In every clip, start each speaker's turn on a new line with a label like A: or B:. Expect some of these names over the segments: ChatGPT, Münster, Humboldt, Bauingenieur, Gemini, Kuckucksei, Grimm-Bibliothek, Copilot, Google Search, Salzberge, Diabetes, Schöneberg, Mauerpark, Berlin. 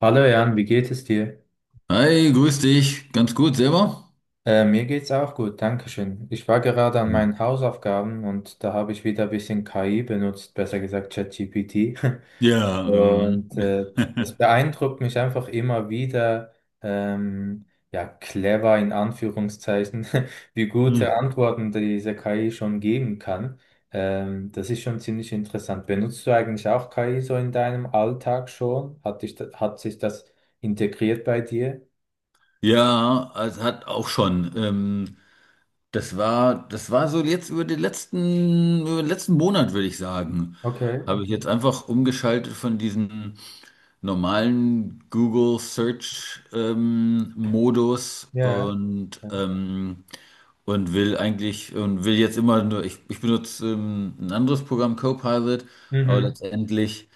A: Hallo Jan, wie geht es dir?
B: Hi, grüß dich. Ganz gut, selber?
A: Mir geht's auch gut, Dankeschön. Ich war gerade an
B: Hm.
A: meinen Hausaufgaben und da habe ich wieder ein bisschen KI benutzt, besser gesagt ChatGPT.
B: Ja,
A: Und äh, Das beeindruckt mich einfach immer wieder, ähm, ja, clever in Anführungszeichen, wie
B: Hm.
A: gute Antworten diese KI schon geben kann. Das ist schon ziemlich interessant. Benutzt du eigentlich auch KI so in deinem Alltag schon? Hat dich, hat sich das integriert bei dir?
B: Ja, es hat auch schon. Das war so jetzt über den letzten Monat, würde ich sagen.
A: Okay,
B: Habe ich
A: okay.
B: jetzt einfach umgeschaltet von diesem normalen Google Search Modus
A: Ja, ja.
B: und will eigentlich und will jetzt immer nur, ich benutze ein anderes Programm, Copilot, aber
A: Mhm.
B: letztendlich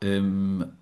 B: Ähm,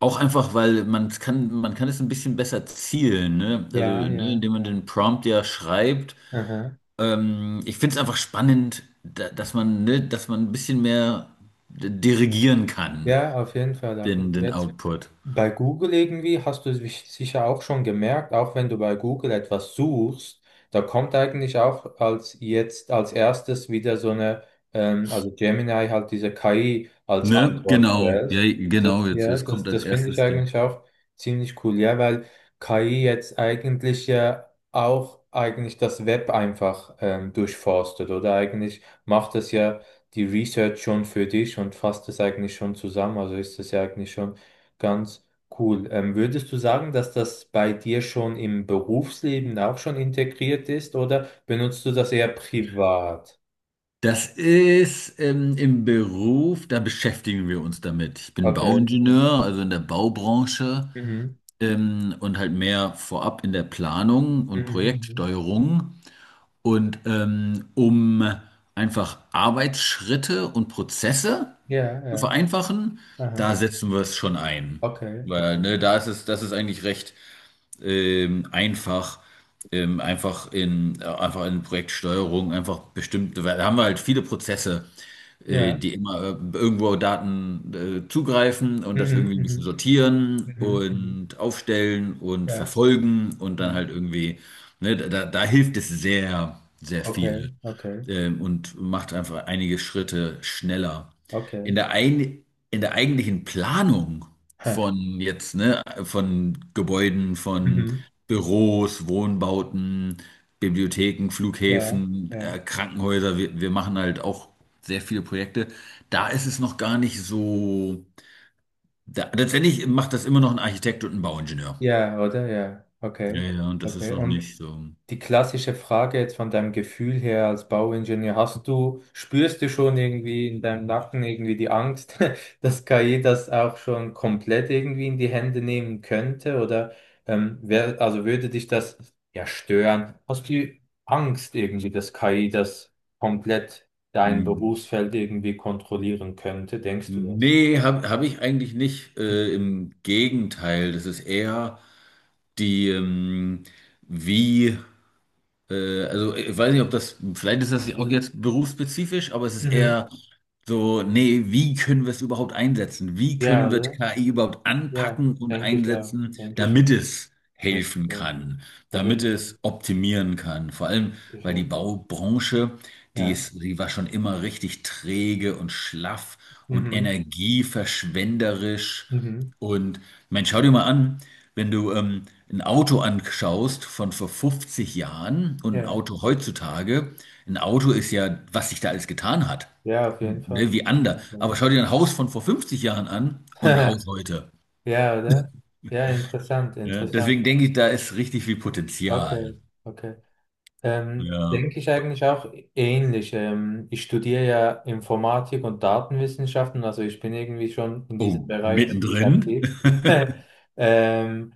B: auch einfach, weil man kann es ein bisschen besser zielen, ne? Also,
A: Ja,
B: ne,
A: ja.
B: indem man den Prompt ja schreibt.
A: Aha.
B: Ich finde es einfach spannend, da, dass man, ne, dass man ein bisschen mehr dirigieren kann,
A: Ja, auf jeden Fall. Auf jeden
B: den
A: Fall.
B: Output.
A: Bei Google irgendwie hast du es sicher auch schon gemerkt, auch wenn du bei Google etwas suchst, da kommt eigentlich auch als jetzt als erstes wieder so eine, also Gemini halt diese KI als
B: Ne?
A: Antwort
B: Genau, ja,
A: zuerst. Das,
B: genau, jetzt,
A: ja,
B: jetzt
A: das,
B: kommt das
A: das finde
B: erste
A: ich
B: Ding.
A: eigentlich auch ziemlich cool, ja, weil KI jetzt eigentlich ja auch eigentlich das Web einfach durchforstet, oder eigentlich macht es ja die Research schon für dich und fasst es eigentlich schon zusammen, also ist es ja eigentlich schon ganz cool. Würdest du sagen, dass das bei dir schon im Berufsleben auch schon integriert ist oder benutzt du das eher privat?
B: Das ist im Beruf, da beschäftigen wir uns damit. Ich bin
A: Okay, okay.
B: Bauingenieur, also in der Baubranche.
A: Mhm.
B: Und halt mehr vorab in der Planung und
A: Mhm. Mhm. Mhm.
B: Projektsteuerung und um einfach Arbeitsschritte und Prozesse
A: Ja,
B: zu
A: ja.
B: vereinfachen,
A: Aha.
B: da setzen wir es schon ein.
A: Okay,
B: Weil,
A: okay.
B: ne, da ist es, das ist eigentlich recht einfach, einfach in Projektsteuerung, einfach bestimmte, weil da haben wir halt viele Prozesse,
A: Ja.
B: die immer irgendwo Daten zugreifen und das
A: Mhm,
B: irgendwie ein bisschen
A: mhm. Mhm.
B: sortieren
A: Mhm. Mhm.
B: und aufstellen und
A: Ja,
B: verfolgen und dann
A: ja.
B: halt irgendwie, ne, da hilft es sehr, sehr viel
A: Okay, okay,
B: und macht einfach einige Schritte schneller.
A: okay.
B: In der, ein, in der eigentlichen Planung
A: Hä.
B: von jetzt, ne, von Gebäuden, von
A: Mhm.
B: Büros, Wohnbauten, Bibliotheken,
A: Ja,
B: Flughäfen,
A: ja.
B: Krankenhäuser, wir machen halt auch sehr viele Projekte. Da ist es noch gar nicht so. Da, letztendlich macht das immer noch ein Architekt und ein Bauingenieur.
A: Ja, oder? Ja.
B: Ja,
A: Okay.
B: ja, und das ist
A: Okay.
B: noch
A: Und
B: nicht so.
A: die klassische Frage jetzt von deinem Gefühl her als Bauingenieur, hast du, spürst du schon irgendwie in deinem Nacken irgendwie die Angst, dass KI das auch schon komplett irgendwie in die Hände nehmen könnte? Oder also würde dich das ja stören? Hast du Angst irgendwie, dass KI das komplett dein
B: Mm.
A: Berufsfeld irgendwie kontrollieren könnte? Denkst du das?
B: Nee, hab ich eigentlich nicht. Im Gegenteil, das ist eher die, wie, also ich weiß nicht, ob das, vielleicht ist das auch jetzt berufsspezifisch, aber es ist
A: Mhm.
B: eher so, nee, wie können wir es überhaupt einsetzen? Wie
A: Ja,
B: können wir
A: oder?
B: KI überhaupt
A: Ja,
B: anpacken und
A: denke ich ja.
B: einsetzen,
A: Denke ich ja.
B: damit es
A: Denke ich
B: helfen
A: ja.
B: kann,
A: Auf
B: damit
A: jeden Fall.
B: es optimieren kann? Vor allem,
A: Ich,
B: weil die
A: ja.
B: Baubranche, die
A: Ja.
B: ist, die war schon immer richtig träge und schlaff und
A: Mhm.
B: energieverschwenderisch.
A: Mhm.
B: Und man, schau dir mal an, wenn du ein Auto anschaust von vor 50 Jahren und ein
A: Ja.
B: Auto heutzutage, ein Auto ist ja, was sich da alles getan hat.
A: Ja, auf jeden
B: Ne,
A: Fall.
B: wie
A: Auf
B: ander.
A: jeden Fall.
B: Aber schau dir ein Haus von vor 50 Jahren an und ein Haus heute.
A: Ja, oder? Ja, interessant,
B: Ne? Deswegen
A: interessant.
B: denke ich, da ist richtig viel
A: Okay,
B: Potenzial.
A: okay.
B: Ja.
A: Denke ich eigentlich auch ähnlich. Ich studiere ja Informatik und Datenwissenschaften, also ich bin irgendwie schon in diesem
B: Oh,
A: Bereich ziemlich
B: mittendrin.
A: aktiv. Ähm,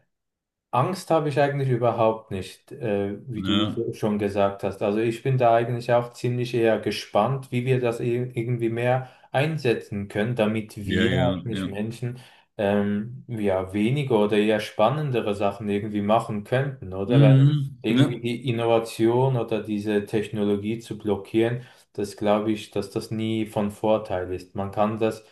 A: Angst habe ich eigentlich überhaupt nicht, wie du
B: Ne?
A: schon gesagt hast. Also ich bin da eigentlich auch ziemlich eher gespannt, wie wir das irgendwie mehr einsetzen können, damit
B: Ja,
A: wir halt
B: ja,
A: nicht
B: ja.
A: Menschen, ja, weniger oder eher spannendere Sachen irgendwie machen könnten, oder? Weil
B: Mhm, ne?
A: irgendwie die Innovation oder diese Technologie zu blockieren, das glaube ich, dass das nie von Vorteil ist. Man kann das,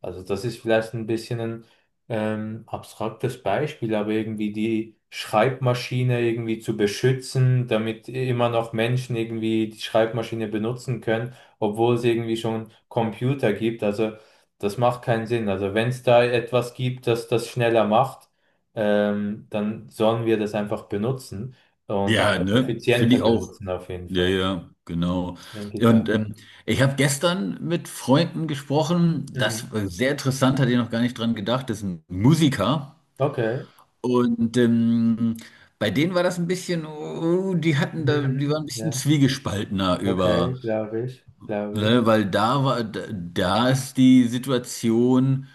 A: also das ist vielleicht ein bisschen ein abstraktes Beispiel, aber irgendwie die Schreibmaschine irgendwie zu beschützen, damit immer noch Menschen irgendwie die Schreibmaschine benutzen können, obwohl es irgendwie schon Computer gibt. Also das macht keinen Sinn. Also wenn es da etwas gibt, das das schneller macht, dann sollen wir das einfach benutzen und
B: Ja,
A: einfach
B: ne? Finde
A: effizienter
B: ich auch.
A: benutzen auf jeden
B: Ja,
A: Fall,
B: ja, genau.
A: denke ich
B: Und
A: ja.
B: ich habe gestern mit Freunden gesprochen,
A: Mhm.
B: das war sehr interessant, hatte ich noch gar nicht dran gedacht, das ist ein Musiker.
A: Okay.
B: Und bei denen war das ein bisschen, oh, die hatten da, die
A: Mhm.
B: waren ein bisschen
A: Ja,
B: zwiegespaltener über,
A: okay, glaube ich, glaube ich.
B: ne, weil da war, da ist die Situation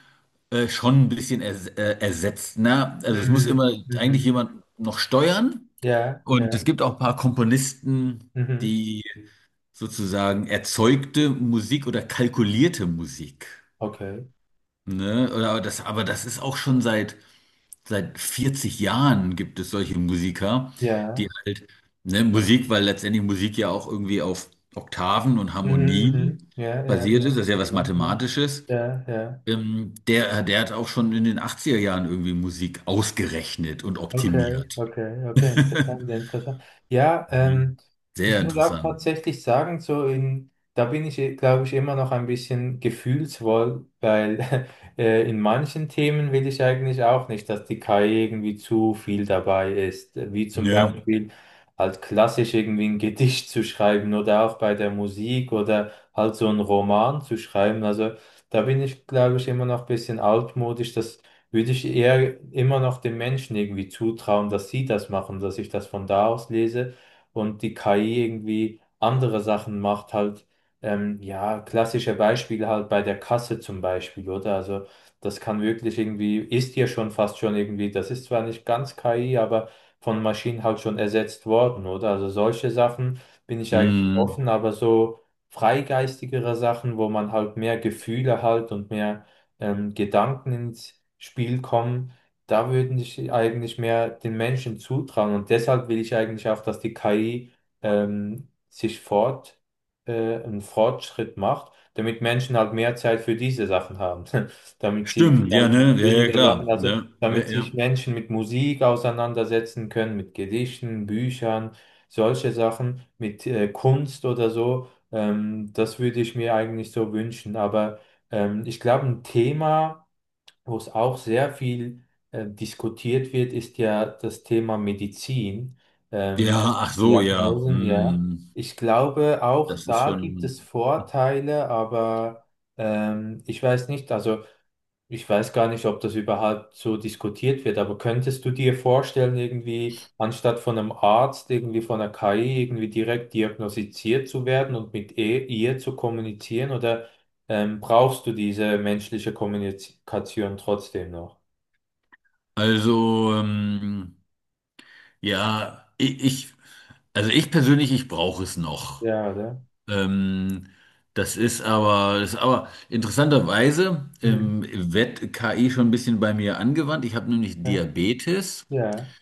B: schon ein bisschen ersetzt. Ne? Also es muss
A: Mhm.
B: immer eigentlich
A: Mhm.
B: jemand noch steuern.
A: Ja,
B: Und es
A: ja,
B: gibt auch ein paar Komponisten,
A: mhm,
B: die sozusagen erzeugte Musik oder kalkulierte Musik.
A: okay.
B: Ne? Oder aber das ist auch schon seit 40 Jahren gibt es solche Musiker, die
A: Ja,
B: halt, ne, Musik, weil letztendlich Musik ja auch irgendwie auf Oktaven und
A: mhm,
B: Harmonien
A: mhm, ja, ja,
B: basiert ist, das
A: ja,
B: ist ja was
A: ja,
B: Mathematisches.
A: ja, ja, ja.
B: Der hat auch schon in den 80er Jahren irgendwie Musik ausgerechnet und
A: Okay,
B: optimiert.
A: okay, okay, interessant, sehr interessant. Ja,
B: Mhm.
A: ich
B: Sehr
A: muss auch
B: interessant.
A: tatsächlich sagen, so in, da bin ich, glaube ich, immer noch ein bisschen gefühlsvoll, weil in manchen Themen will ich eigentlich auch nicht, dass die KI irgendwie zu viel dabei ist, wie zum
B: Ja.
A: Beispiel halt klassisch irgendwie ein Gedicht zu schreiben oder auch bei der Musik oder halt so einen Roman zu schreiben. Also da bin ich, glaube ich, immer noch ein bisschen altmodisch, dass würde ich eher immer noch den Menschen irgendwie zutrauen, dass sie das machen, dass ich das von da aus lese und die KI irgendwie andere Sachen macht, halt, ja, klassische Beispiele halt bei der Kasse zum Beispiel, oder? Also das kann wirklich irgendwie, ist ja schon fast schon irgendwie, das ist zwar nicht ganz KI, aber von Maschinen halt schon ersetzt worden, oder? Also solche Sachen bin ich eigentlich
B: Mhm.
A: offen, aber so freigeistigere Sachen, wo man halt mehr Gefühle halt und mehr Gedanken ins Spiel kommen, da würde ich eigentlich mehr den Menschen zutrauen. Und deshalb will ich eigentlich auch, dass die KI ähm, sich fort, einen Fortschritt macht, damit Menschen halt mehr Zeit für diese Sachen haben. Damit sie
B: Stimmt, ja,
A: damit mit
B: ne? Ja, ja,
A: weniger Sachen,
B: klar.
A: also
B: Ne? Ja,
A: damit
B: ja.
A: sich Menschen mit Musik auseinandersetzen können, mit Gedichten, Büchern, solche Sachen, mit Kunst oder so. Das würde ich mir eigentlich so wünschen. Aber ich glaube, ein Thema, wo es auch sehr viel diskutiert wird, ist ja das Thema Medizin, ähm,
B: Ja, ach so, ja.
A: Diagnosen, ja.
B: Mhm.
A: Ich glaube, auch
B: Das ist
A: da gibt es
B: schon.
A: Vorteile, aber ich weiß nicht, also ich weiß gar nicht, ob das überhaupt so diskutiert wird, aber könntest du dir vorstellen, irgendwie anstatt von einem Arzt, irgendwie von einer KI, irgendwie direkt diagnostiziert zu werden und mit ihr zu kommunizieren oder brauchst du diese menschliche Kommunikation trotzdem noch.
B: Also, ja, ich, ich, also ich persönlich, ich brauche es noch.
A: Ja, oder?
B: Ähm, das ist aber interessanterweise
A: Mhm.
B: wird KI schon ein bisschen bei mir angewandt. Ich habe nämlich
A: Ja,
B: Diabetes
A: ja.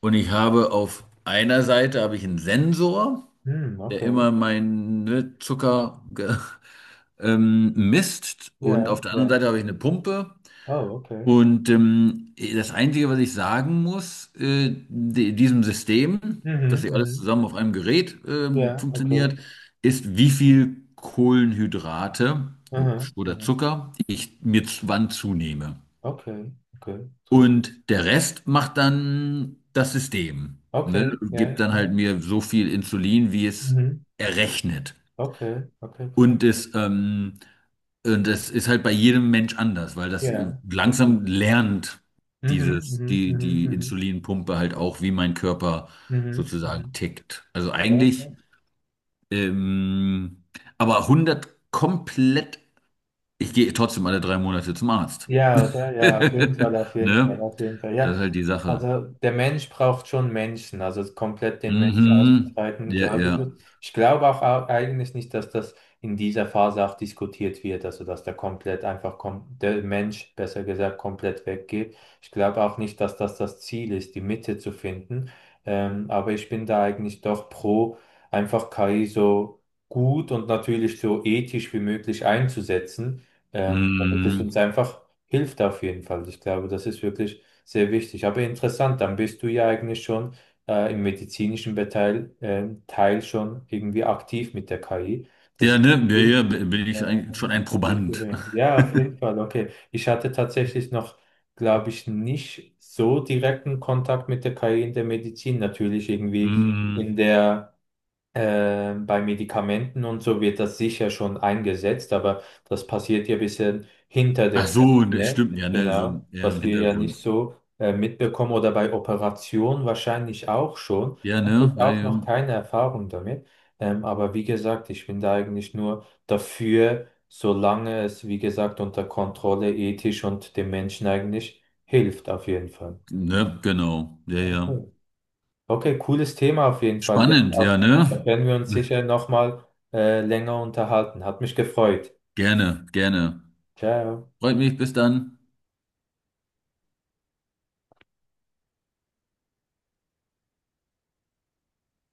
B: und ich habe auf einer Seite habe ich einen Sensor,
A: Hm,
B: der
A: okay.
B: immer meinen ne, misst und
A: Ja,
B: auf der anderen
A: ja.
B: Seite habe ich eine Pumpe.
A: Oh, okay.
B: Und das Einzige, was ich sagen muss, diesem System, dass
A: Mhm,
B: sie alles
A: mhm.
B: zusammen auf einem Gerät
A: Ja, okay.
B: funktioniert, ist, wie viel Kohlenhydrate
A: Mhm,
B: oder
A: mhm.
B: Zucker ich mir wann zunehme.
A: Okay, okay. Trotz-
B: Und der Rest macht dann das System, ne?
A: Okay,
B: Gibt
A: ja,
B: dann
A: ja.
B: halt mir so viel Insulin, wie es
A: Mhm.
B: errechnet.
A: Okay, okay, krass.
B: Und es, ähm, und das ist halt bei jedem Mensch anders, weil das
A: Ja,
B: langsam
A: natürlich.
B: lernt
A: Mhm, mhm, mhm,
B: die
A: mhm,
B: Insulinpumpe halt auch, wie mein Körper
A: mhm, mhm.
B: sozusagen
A: Mhm.
B: tickt. Also
A: Ja.
B: eigentlich, ähm, aber hundert komplett, ich gehe trotzdem alle 3 Monate zum Arzt.
A: Ja, oder? Ja, auf jeden Fall, auf jeden Fall,
B: Ne?
A: auf jeden Fall.
B: Das
A: Ja,
B: ist halt die Sache.
A: also der Mensch braucht schon Menschen, also komplett den Mensch
B: Mhm.
A: auszubreiten,
B: Ja,
A: glaube
B: ja.
A: ich nicht. Ich glaube auch eigentlich nicht, dass das in dieser Phase auch diskutiert wird, also dass der komplett einfach kom der Mensch, besser gesagt, komplett weggeht. Ich glaube auch nicht, dass das das Ziel ist, die Mitte zu finden. Aber ich bin da eigentlich doch pro, einfach KI so gut und natürlich so ethisch wie möglich einzusetzen. Damit es
B: Mhm.
A: uns einfach hilft auf jeden Fall. Ich glaube, das ist wirklich sehr wichtig. Aber interessant, dann bist du ja eigentlich schon im medizinischen Teil schon irgendwie aktiv mit der KI. Das
B: Ja,
A: ist
B: ne? Ja,
A: cool.
B: ja, schon ein
A: Das wird zu
B: Proband.
A: hören. Ja, auf jeden Fall. Okay. Ich hatte tatsächlich noch, glaube ich, nicht so direkten Kontakt mit der KI in der Medizin. Natürlich irgendwie
B: Mhm.
A: in der bei Medikamenten und so wird das sicher schon eingesetzt, aber das passiert ja ein bisschen hinter der
B: Ach so, das
A: Szene,
B: stimmt, ja, ne, so
A: genau,
B: ja, im
A: was wir ja nicht
B: Hintergrund.
A: so mitbekommen oder bei Operationen wahrscheinlich auch schon.
B: Ja, ne,
A: Habe ich
B: ja,
A: auch
B: ja.
A: noch keine Erfahrung damit. Aber wie gesagt, ich bin da eigentlich nur dafür, solange es, wie gesagt, unter Kontrolle ethisch und dem Menschen eigentlich hilft, auf jeden Fall.
B: Ne, genau, ja, ja.
A: Okay. Okay, cooles Thema auf jeden Fall. Ja,
B: Spannend, ja, ne?
A: da werden wir uns sicher nochmal länger unterhalten. Hat mich gefreut.
B: Gerne, gerne.
A: Ciao.
B: Freut mich, bis dann.